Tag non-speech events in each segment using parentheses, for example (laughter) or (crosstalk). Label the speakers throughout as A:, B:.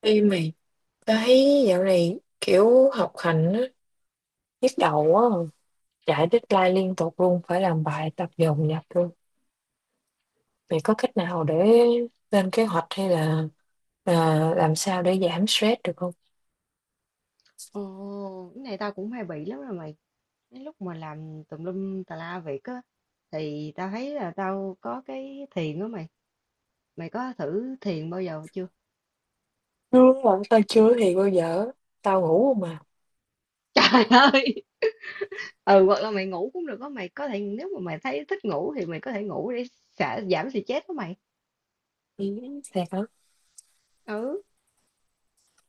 A: Ê mày, tao thấy dạo này kiểu học hành á, nhức đầu quá à. Chạy deadline liên tục luôn, phải làm bài tập dồn dập luôn. Mày có cách nào để lên kế hoạch hay là à, làm sao để giảm stress được không?
B: Ồ, cái này tao cũng hay bị lắm rồi mày. Cái lúc mà làm tùm lum tà la việc á, thì tao thấy là tao có cái thiền đó mày. Mày có thử thiền bao giờ chưa?
A: Đúng rồi tao chưa thì bao giờ, tao ngủ không mà.
B: (laughs) Trời ơi! Ừ, hoặc là mày ngủ cũng được đó mày. Có thể nếu mà mày thấy thích ngủ thì mày có thể ngủ để xả, giảm stress đó mày.
A: Ừ, thiệt hả?
B: Ừ,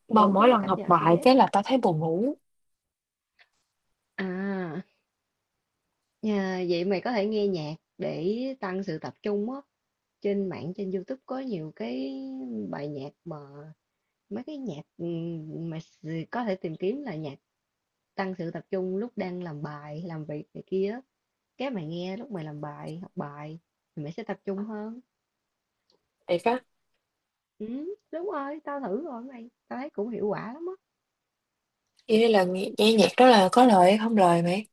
A: Mà
B: ngủ
A: mỗi
B: cũng là
A: lần
B: cách
A: học
B: giảm
A: bài
B: stress.
A: cái là tao thấy buồn ngủ.
B: À, nhà, vậy mày có thể nghe nhạc để tăng sự tập trung á. Trên mạng, trên YouTube có nhiều cái bài nhạc mà mấy cái nhạc có thể tìm kiếm là nhạc tăng sự tập trung lúc đang làm bài làm việc này kia á. Cái mày nghe lúc mày làm bài học bài thì mày sẽ tập trung hơn.
A: Thiệt á,
B: Ừ, đúng rồi, tao thử rồi mày, tao thấy cũng hiệu quả lắm á.
A: vậy là nghe nhạc đó là có lời hay không lời mày?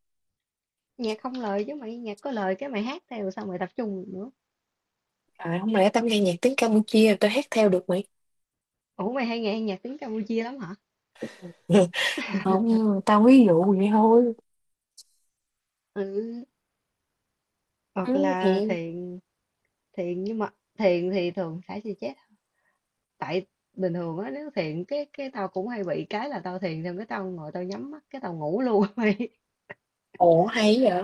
B: Nhạc không lời chứ mày, nhạc có lời cái mày hát theo sao mày tập trung được nữa.
A: À, không lẽ tao nghe nhạc tiếng Campuchia tao hát theo được mày?
B: Ủa, mày hay nghe nhạc tiếng Campuchia lắm hả?
A: (laughs) Không, tao ví dụ vậy thôi.
B: Ừ,
A: Ừ,
B: hoặc là
A: thì.
B: thiền. Thiền nhưng mà thiền thì thường phải thì chết. Tại bình thường á, nếu thiền cái tao cũng hay bị cái là tao thiền xong cái tao ngồi tao nhắm mắt cái tao ngủ luôn. (laughs)
A: Ồ, hay vậy.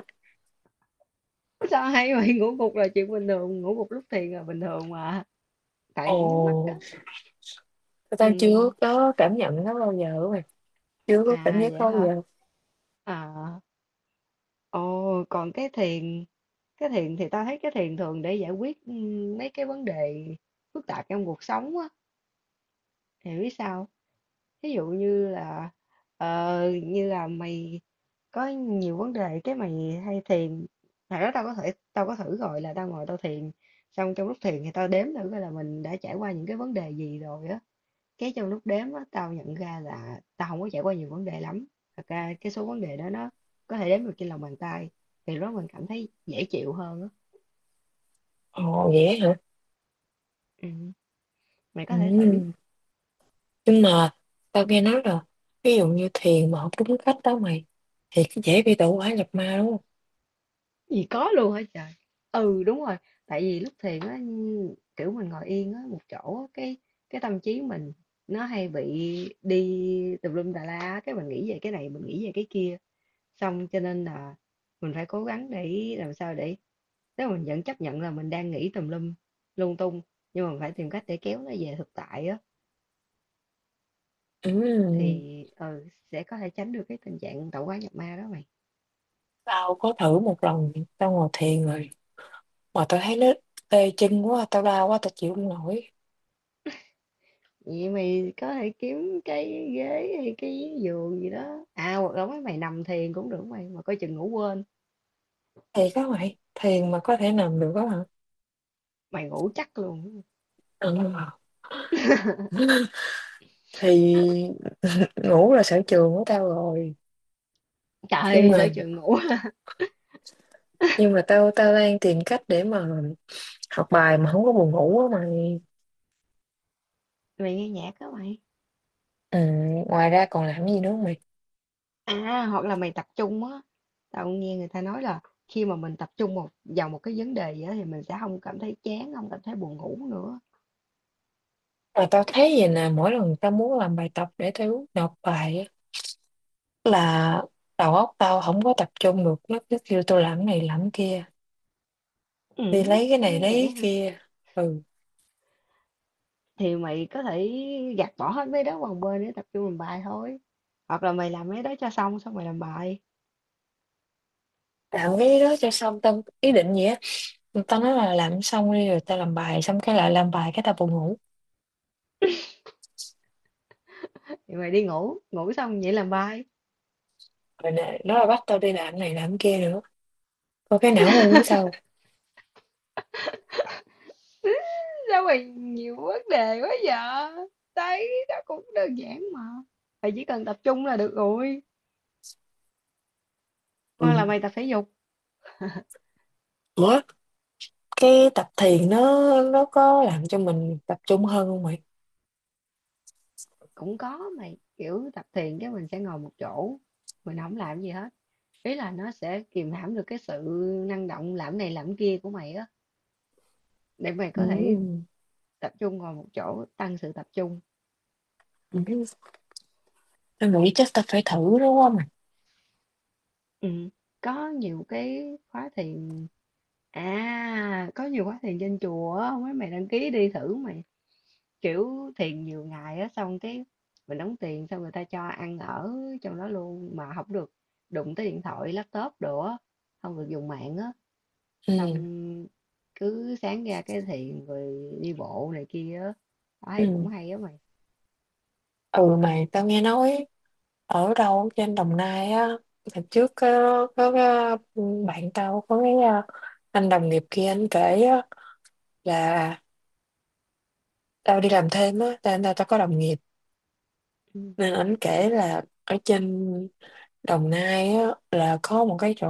B: Sao hay vậy? Ngủ gục là chuyện bình thường, ngủ gục lúc thiền là bình thường mà. Tại nhắm mắt á.
A: Ồ,
B: Ừ.
A: tao chưa có cảm nhận nó bao giờ mày. Chưa
B: À
A: có cảm giác
B: vậy
A: đó bao
B: hả?
A: giờ.
B: À. Ồ, còn cái thiền thì ta thấy cái thiền thường để giải quyết mấy cái vấn đề phức tạp trong cuộc sống á. Thì biết sao? Ví dụ như là như là mày có nhiều vấn đề cái mày hay thiền. Thật đó, tao có thử rồi là tao ngồi tao thiền xong trong lúc thiền thì tao đếm thử coi là mình đã trải qua những cái vấn đề gì rồi á. Cái trong lúc đếm á, tao nhận ra là tao không có trải qua nhiều vấn đề lắm, thật ra cái số vấn đề đó nó có thể đếm được trên lòng bàn tay, thì lúc đó mình cảm thấy dễ chịu hơn á.
A: Ồ vậy hả?
B: Ừm, mày có thể
A: Ừ.
B: thử.
A: Nhưng mà tao nghe nói là ví dụ như thiền mà không đúng cách đó mày thì cái dễ bị tẩu hỏa nhập ma đúng không?
B: Gì có luôn hả trời? Ừ, đúng rồi, tại vì lúc thiền á, kiểu, mình ngồi yên á, một chỗ á, cái tâm trí mình nó hay bị đi tùm lum tà la á, cái mình nghĩ về cái này, mình nghĩ về cái kia, xong cho nên là mình phải cố gắng để làm sao để, nếu mình vẫn chấp nhận là mình đang nghĩ tùm lum lung tung, nhưng mà mình phải tìm cách để kéo nó về thực tại á.
A: Ừ.
B: Thì sẽ có thể tránh được cái tình trạng tạo hóa nhập ma đó mày.
A: Tao có thử một lần tao ngồi thiền rồi mà tao thấy nó tê chân quá, tao đau quá, tao chịu không nổi.
B: Vậy mày có thể kiếm cái ghế hay cái giường gì đó, à hoặc là mấy mày nằm thiền cũng được mày, mà coi chừng ngủ quên.
A: Thiệt đó mày, thiền mà có thể nằm được đó hả?
B: Mày ngủ chắc luôn.
A: Ừ. Thì (laughs) ngủ là sở trường của tao rồi. Nhưng
B: Trời sợ
A: mà
B: chừng ngủ. (laughs)
A: nhưng mà tao tao đang tìm cách để mà học bài mà không có buồn ngủ á mày.
B: Mày nghe nhạc đó mày.
A: Ừ, ngoài ra còn làm gì nữa không mày?
B: À hoặc là mày tập trung á, tao cũng nghe người ta nói là khi mà mình tập trung vào một cái vấn đề gì đó thì mình sẽ không cảm thấy chán, không cảm thấy buồn ngủ nữa.
A: Mà tao thấy vậy nè, mỗi lần tao muốn làm bài tập để tao nộp bài á là đầu óc tao không có tập trung được, nó cứ kêu tôi làm cái này làm cái kia,
B: Ừ,
A: đi lấy cái này lấy
B: vậy
A: cái
B: hả?
A: kia. Ừ,
B: Thì mày có thể gạt bỏ hết mấy đó qua một bên để tập trung làm bài thôi. Hoặc là mày làm mấy đó cho xong xong mày làm bài.
A: làm cái đó cho xong tao ý định gì á, tao nói là làm xong đi rồi tao làm bài, xong cái lại làm bài cái tao buồn ngủ.
B: Thì mày đi ngủ, ngủ xong vậy làm bài.
A: Rồi nè nó là bắt tao đi làm cái này làm cái kia nữa, có cái não ngu của sao.
B: Sao mày nhiều vấn đề quá vậy? Thấy đó cũng đơn giản mà. Mày chỉ cần tập trung là được rồi. Hoặc là
A: Ừ.
B: mày tập thể dục
A: Ủa? Cái tập thiền nó có làm cho mình tập trung hơn không mày?
B: cũng có mày, kiểu tập thiền cái mình sẽ ngồi một chỗ, mình không làm gì hết. Ý là nó sẽ kìm hãm được cái sự năng động làm này làm kia của mày á, để mày có thể
A: Ừ.
B: tập trung ngồi một chỗ, tăng sự tập trung.
A: Ừ, tao nghĩ chắc tao phải thử đúng không mày?
B: Ừ. Có nhiều cái khóa thiền, à có nhiều khóa thiền trên chùa á, mấy mày đăng ký đi thử mày. Kiểu thiền nhiều ngày á, xong cái mình đóng tiền xong người ta cho ăn ở trong đó luôn, mà không được đụng tới điện thoại laptop đồ á, không được dùng mạng á.
A: Ừ,
B: Xong cứ sáng ra cái thiền rồi đi bộ này kia á, tao thấy cũng
A: ừ,
B: hay á mày.
A: ừ mày, tao nghe nói ở đâu trên Đồng Nai á, hồi trước có cái bạn tao có cái anh đồng nghiệp kia anh kể á, là tao đi làm thêm á tao tao tao có đồng nghiệp,
B: Ừ.
A: nên anh kể là ở trên Đồng Nai á là có một cái chỗ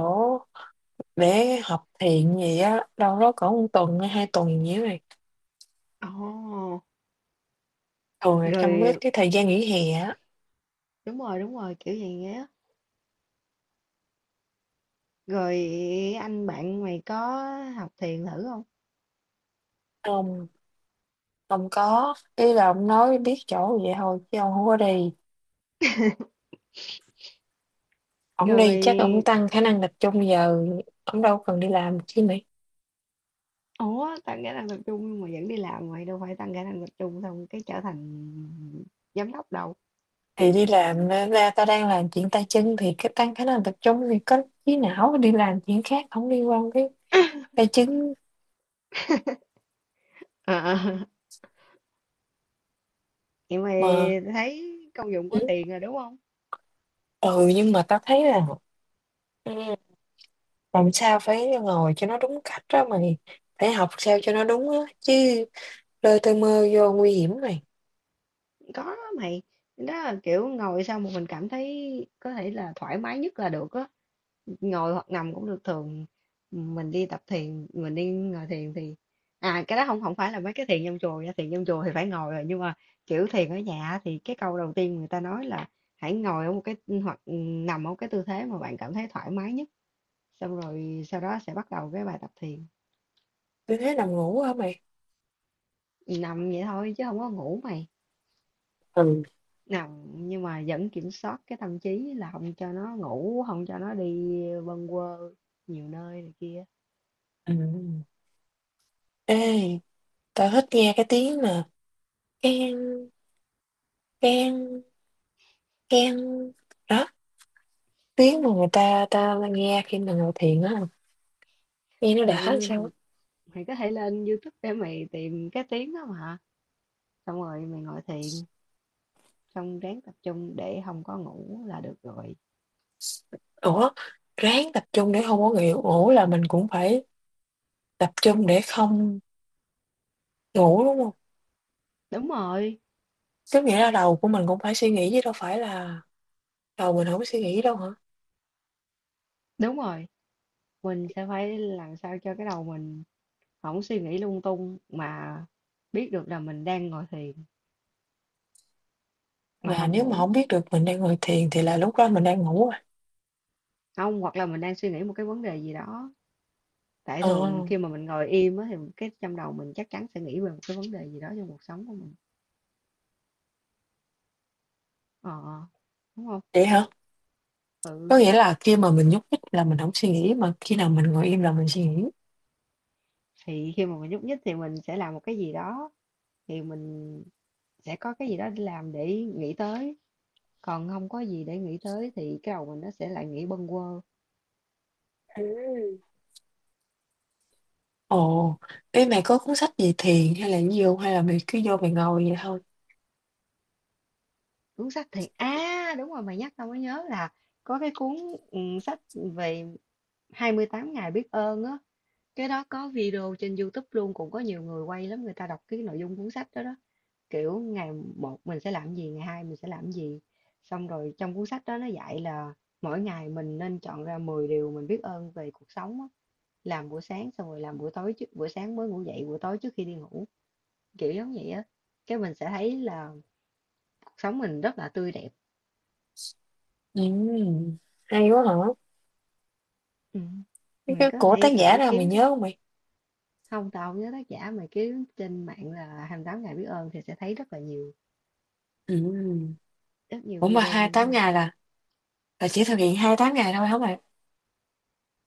A: để học thiền gì á đâu đó cỡ một tuần hay 2 tuần gì đó này,
B: Ồ,
A: thường là trong cái,
B: rồi,
A: cái thời gian nghỉ hè á.
B: đúng rồi đúng rồi, kiểu vậy á. Rồi anh bạn mày có học thiền thử không?
A: Ông ông có ý là ông nói biết chỗ vậy thôi chứ ông không có đi, ông
B: Rồi
A: đi
B: mày.
A: chắc ông tăng khả năng tập trung giờ, ông đâu cần đi làm chi mày.
B: Ủa, tăng khả năng tập trung nhưng mà vẫn đi làm mày, đâu phải tăng khả năng tập trung xong cái trở thành giám đốc đâu.
A: Thì đi làm, ra ta đang làm chuyện tay chân thì cái tăng khả năng tập trung thì có trí não đi làm chuyện khác không liên quan cái tay chân
B: Ờ, vậy mày
A: mà.
B: thấy công dụng
A: Ừ.
B: của thiền rồi đúng không?
A: Ừ, nhưng mà tao thấy là, ừ, làm sao phải ngồi cho nó đúng cách đó mày, phải học sao cho nó đúng á chứ, lơ tơ mơ vô nguy hiểm mày.
B: Có mày. Đó là kiểu ngồi sao mà mình cảm thấy có thể là thoải mái nhất là được á. Ngồi hoặc nằm cũng được, thường mình đi tập thiền, mình đi ngồi thiền thì, à cái đó không không phải là mấy cái thiền trong chùa nha, thiền trong chùa thì phải ngồi rồi, nhưng mà kiểu thiền ở nhà thì cái câu đầu tiên người ta nói là hãy ngồi ở một cái hoặc nằm ở một cái tư thế mà bạn cảm thấy thoải mái nhất, xong rồi sau đó sẽ bắt đầu cái bài tập thiền.
A: Tôi thấy nằm ngủ hả mày?
B: Nằm vậy thôi chứ không có ngủ mày.
A: Ừ.
B: Nằm nhưng mà vẫn kiểm soát cái tâm trí là không cho nó ngủ, không cho nó đi bâng quơ nhiều nơi này kia.
A: Ừ. Ê, tao thích nghe cái tiếng mà keng keng keng đó, tiếng mà người ta ta nghe khi mà ngồi thiền á, nghe nó đã làm
B: Ừ
A: sao á.
B: mày, có thể lên YouTube để mày tìm cái tiếng đó mà, xong rồi mày ngồi thiền, xong ráng tập trung để không có ngủ là được rồi.
A: Ủa, ráng tập trung để không có nghỉ ngủ là mình cũng phải tập trung để không ngủ đúng không?
B: Đúng rồi.
A: Tức nghĩa là đầu của mình cũng phải suy nghĩ chứ đâu phải là đầu mình không có suy nghĩ đâu hả?
B: Đúng rồi, mình sẽ phải làm sao cho cái đầu mình không suy nghĩ lung tung mà biết được là mình đang ngồi thiền mà
A: Và
B: không
A: nếu mà
B: ngủ.
A: không biết được mình đang ngồi thiền thì là lúc đó mình đang ngủ rồi.
B: Không, hoặc là mình đang suy nghĩ một cái vấn đề gì đó, tại
A: Ờ,
B: thường khi mà mình ngồi im á thì cái trong đầu mình chắc chắn sẽ nghĩ về một cái vấn đề gì đó trong cuộc sống của mình. Ờ, đúng không?
A: vậy hả?
B: Ừ,
A: Có nghĩa là khi mà mình nhúc nhích là mình không suy nghĩ, mà khi nào mình ngồi im là mình suy nghĩ.
B: thì khi mà mình nhúc nhích thì mình sẽ làm một cái gì đó, thì mình sẽ có cái gì đó để làm để nghĩ tới, còn không có gì để nghĩ tới thì cái đầu mình nó sẽ lại nghĩ bâng quơ.
A: Ừ. Ồ, ê, mày có cuốn sách về thiền hay là gì hông? Hay là mày cứ vô mày ngồi vậy thôi?
B: Cuốn sách thì, à đúng rồi mày nhắc tao mới nhớ là có cái cuốn sách về 28 ngày biết ơn á. Cái đó có video trên YouTube luôn, cũng có nhiều người quay lắm, người ta đọc cái nội dung cuốn sách đó đó. Kiểu ngày một mình sẽ làm gì, ngày hai mình sẽ làm gì, xong rồi trong cuốn sách đó nó dạy là mỗi ngày mình nên chọn ra 10 điều mình biết ơn về cuộc sống á. Làm buổi sáng xong rồi làm buổi tối, trước buổi sáng mới ngủ dậy, buổi tối trước khi đi ngủ, kiểu giống vậy á. Cái mình sẽ thấy là cuộc sống mình rất là tươi đẹp.
A: Ừ, hay quá hả?
B: Ừ.
A: Cái
B: Mình
A: cái
B: có
A: của tác
B: thể
A: giả
B: thử
A: nào mày
B: kiếm cái,
A: nhớ không mày?
B: không tao không nhớ tác giả, mà kiếm trên mạng là 28 ngày biết ơn thì sẽ thấy rất là nhiều,
A: Ừm.
B: rất nhiều
A: Ủa mà
B: video
A: hai
B: liên
A: tám
B: quan.
A: ngày là chỉ thực hiện 28 ngày thôi hả mày?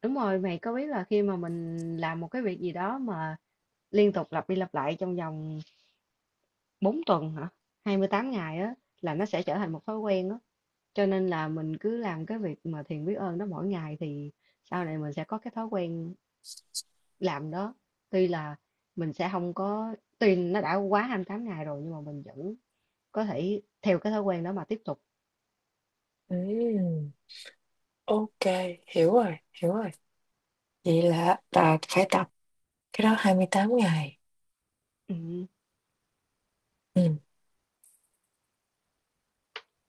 B: Đúng rồi, mày có biết là khi mà mình làm một cái việc gì đó mà liên tục lặp đi lặp lại trong vòng 4 tuần hả? 28 ngày á, là nó sẽ trở thành một thói quen á. Cho nên là mình cứ làm cái việc mà thiền biết ơn đó mỗi ngày thì sau này mình sẽ có cái thói quen làm đó. Tuy là mình sẽ không có, tuy nó đã quá 28 ngày rồi nhưng mà mình vẫn có thể theo cái thói quen đó mà tiếp tục.
A: Ừ, ok, hiểu rồi, hiểu rồi. Vậy là ta phải tập cái đó 28 ngày.
B: Ừ.
A: Ừ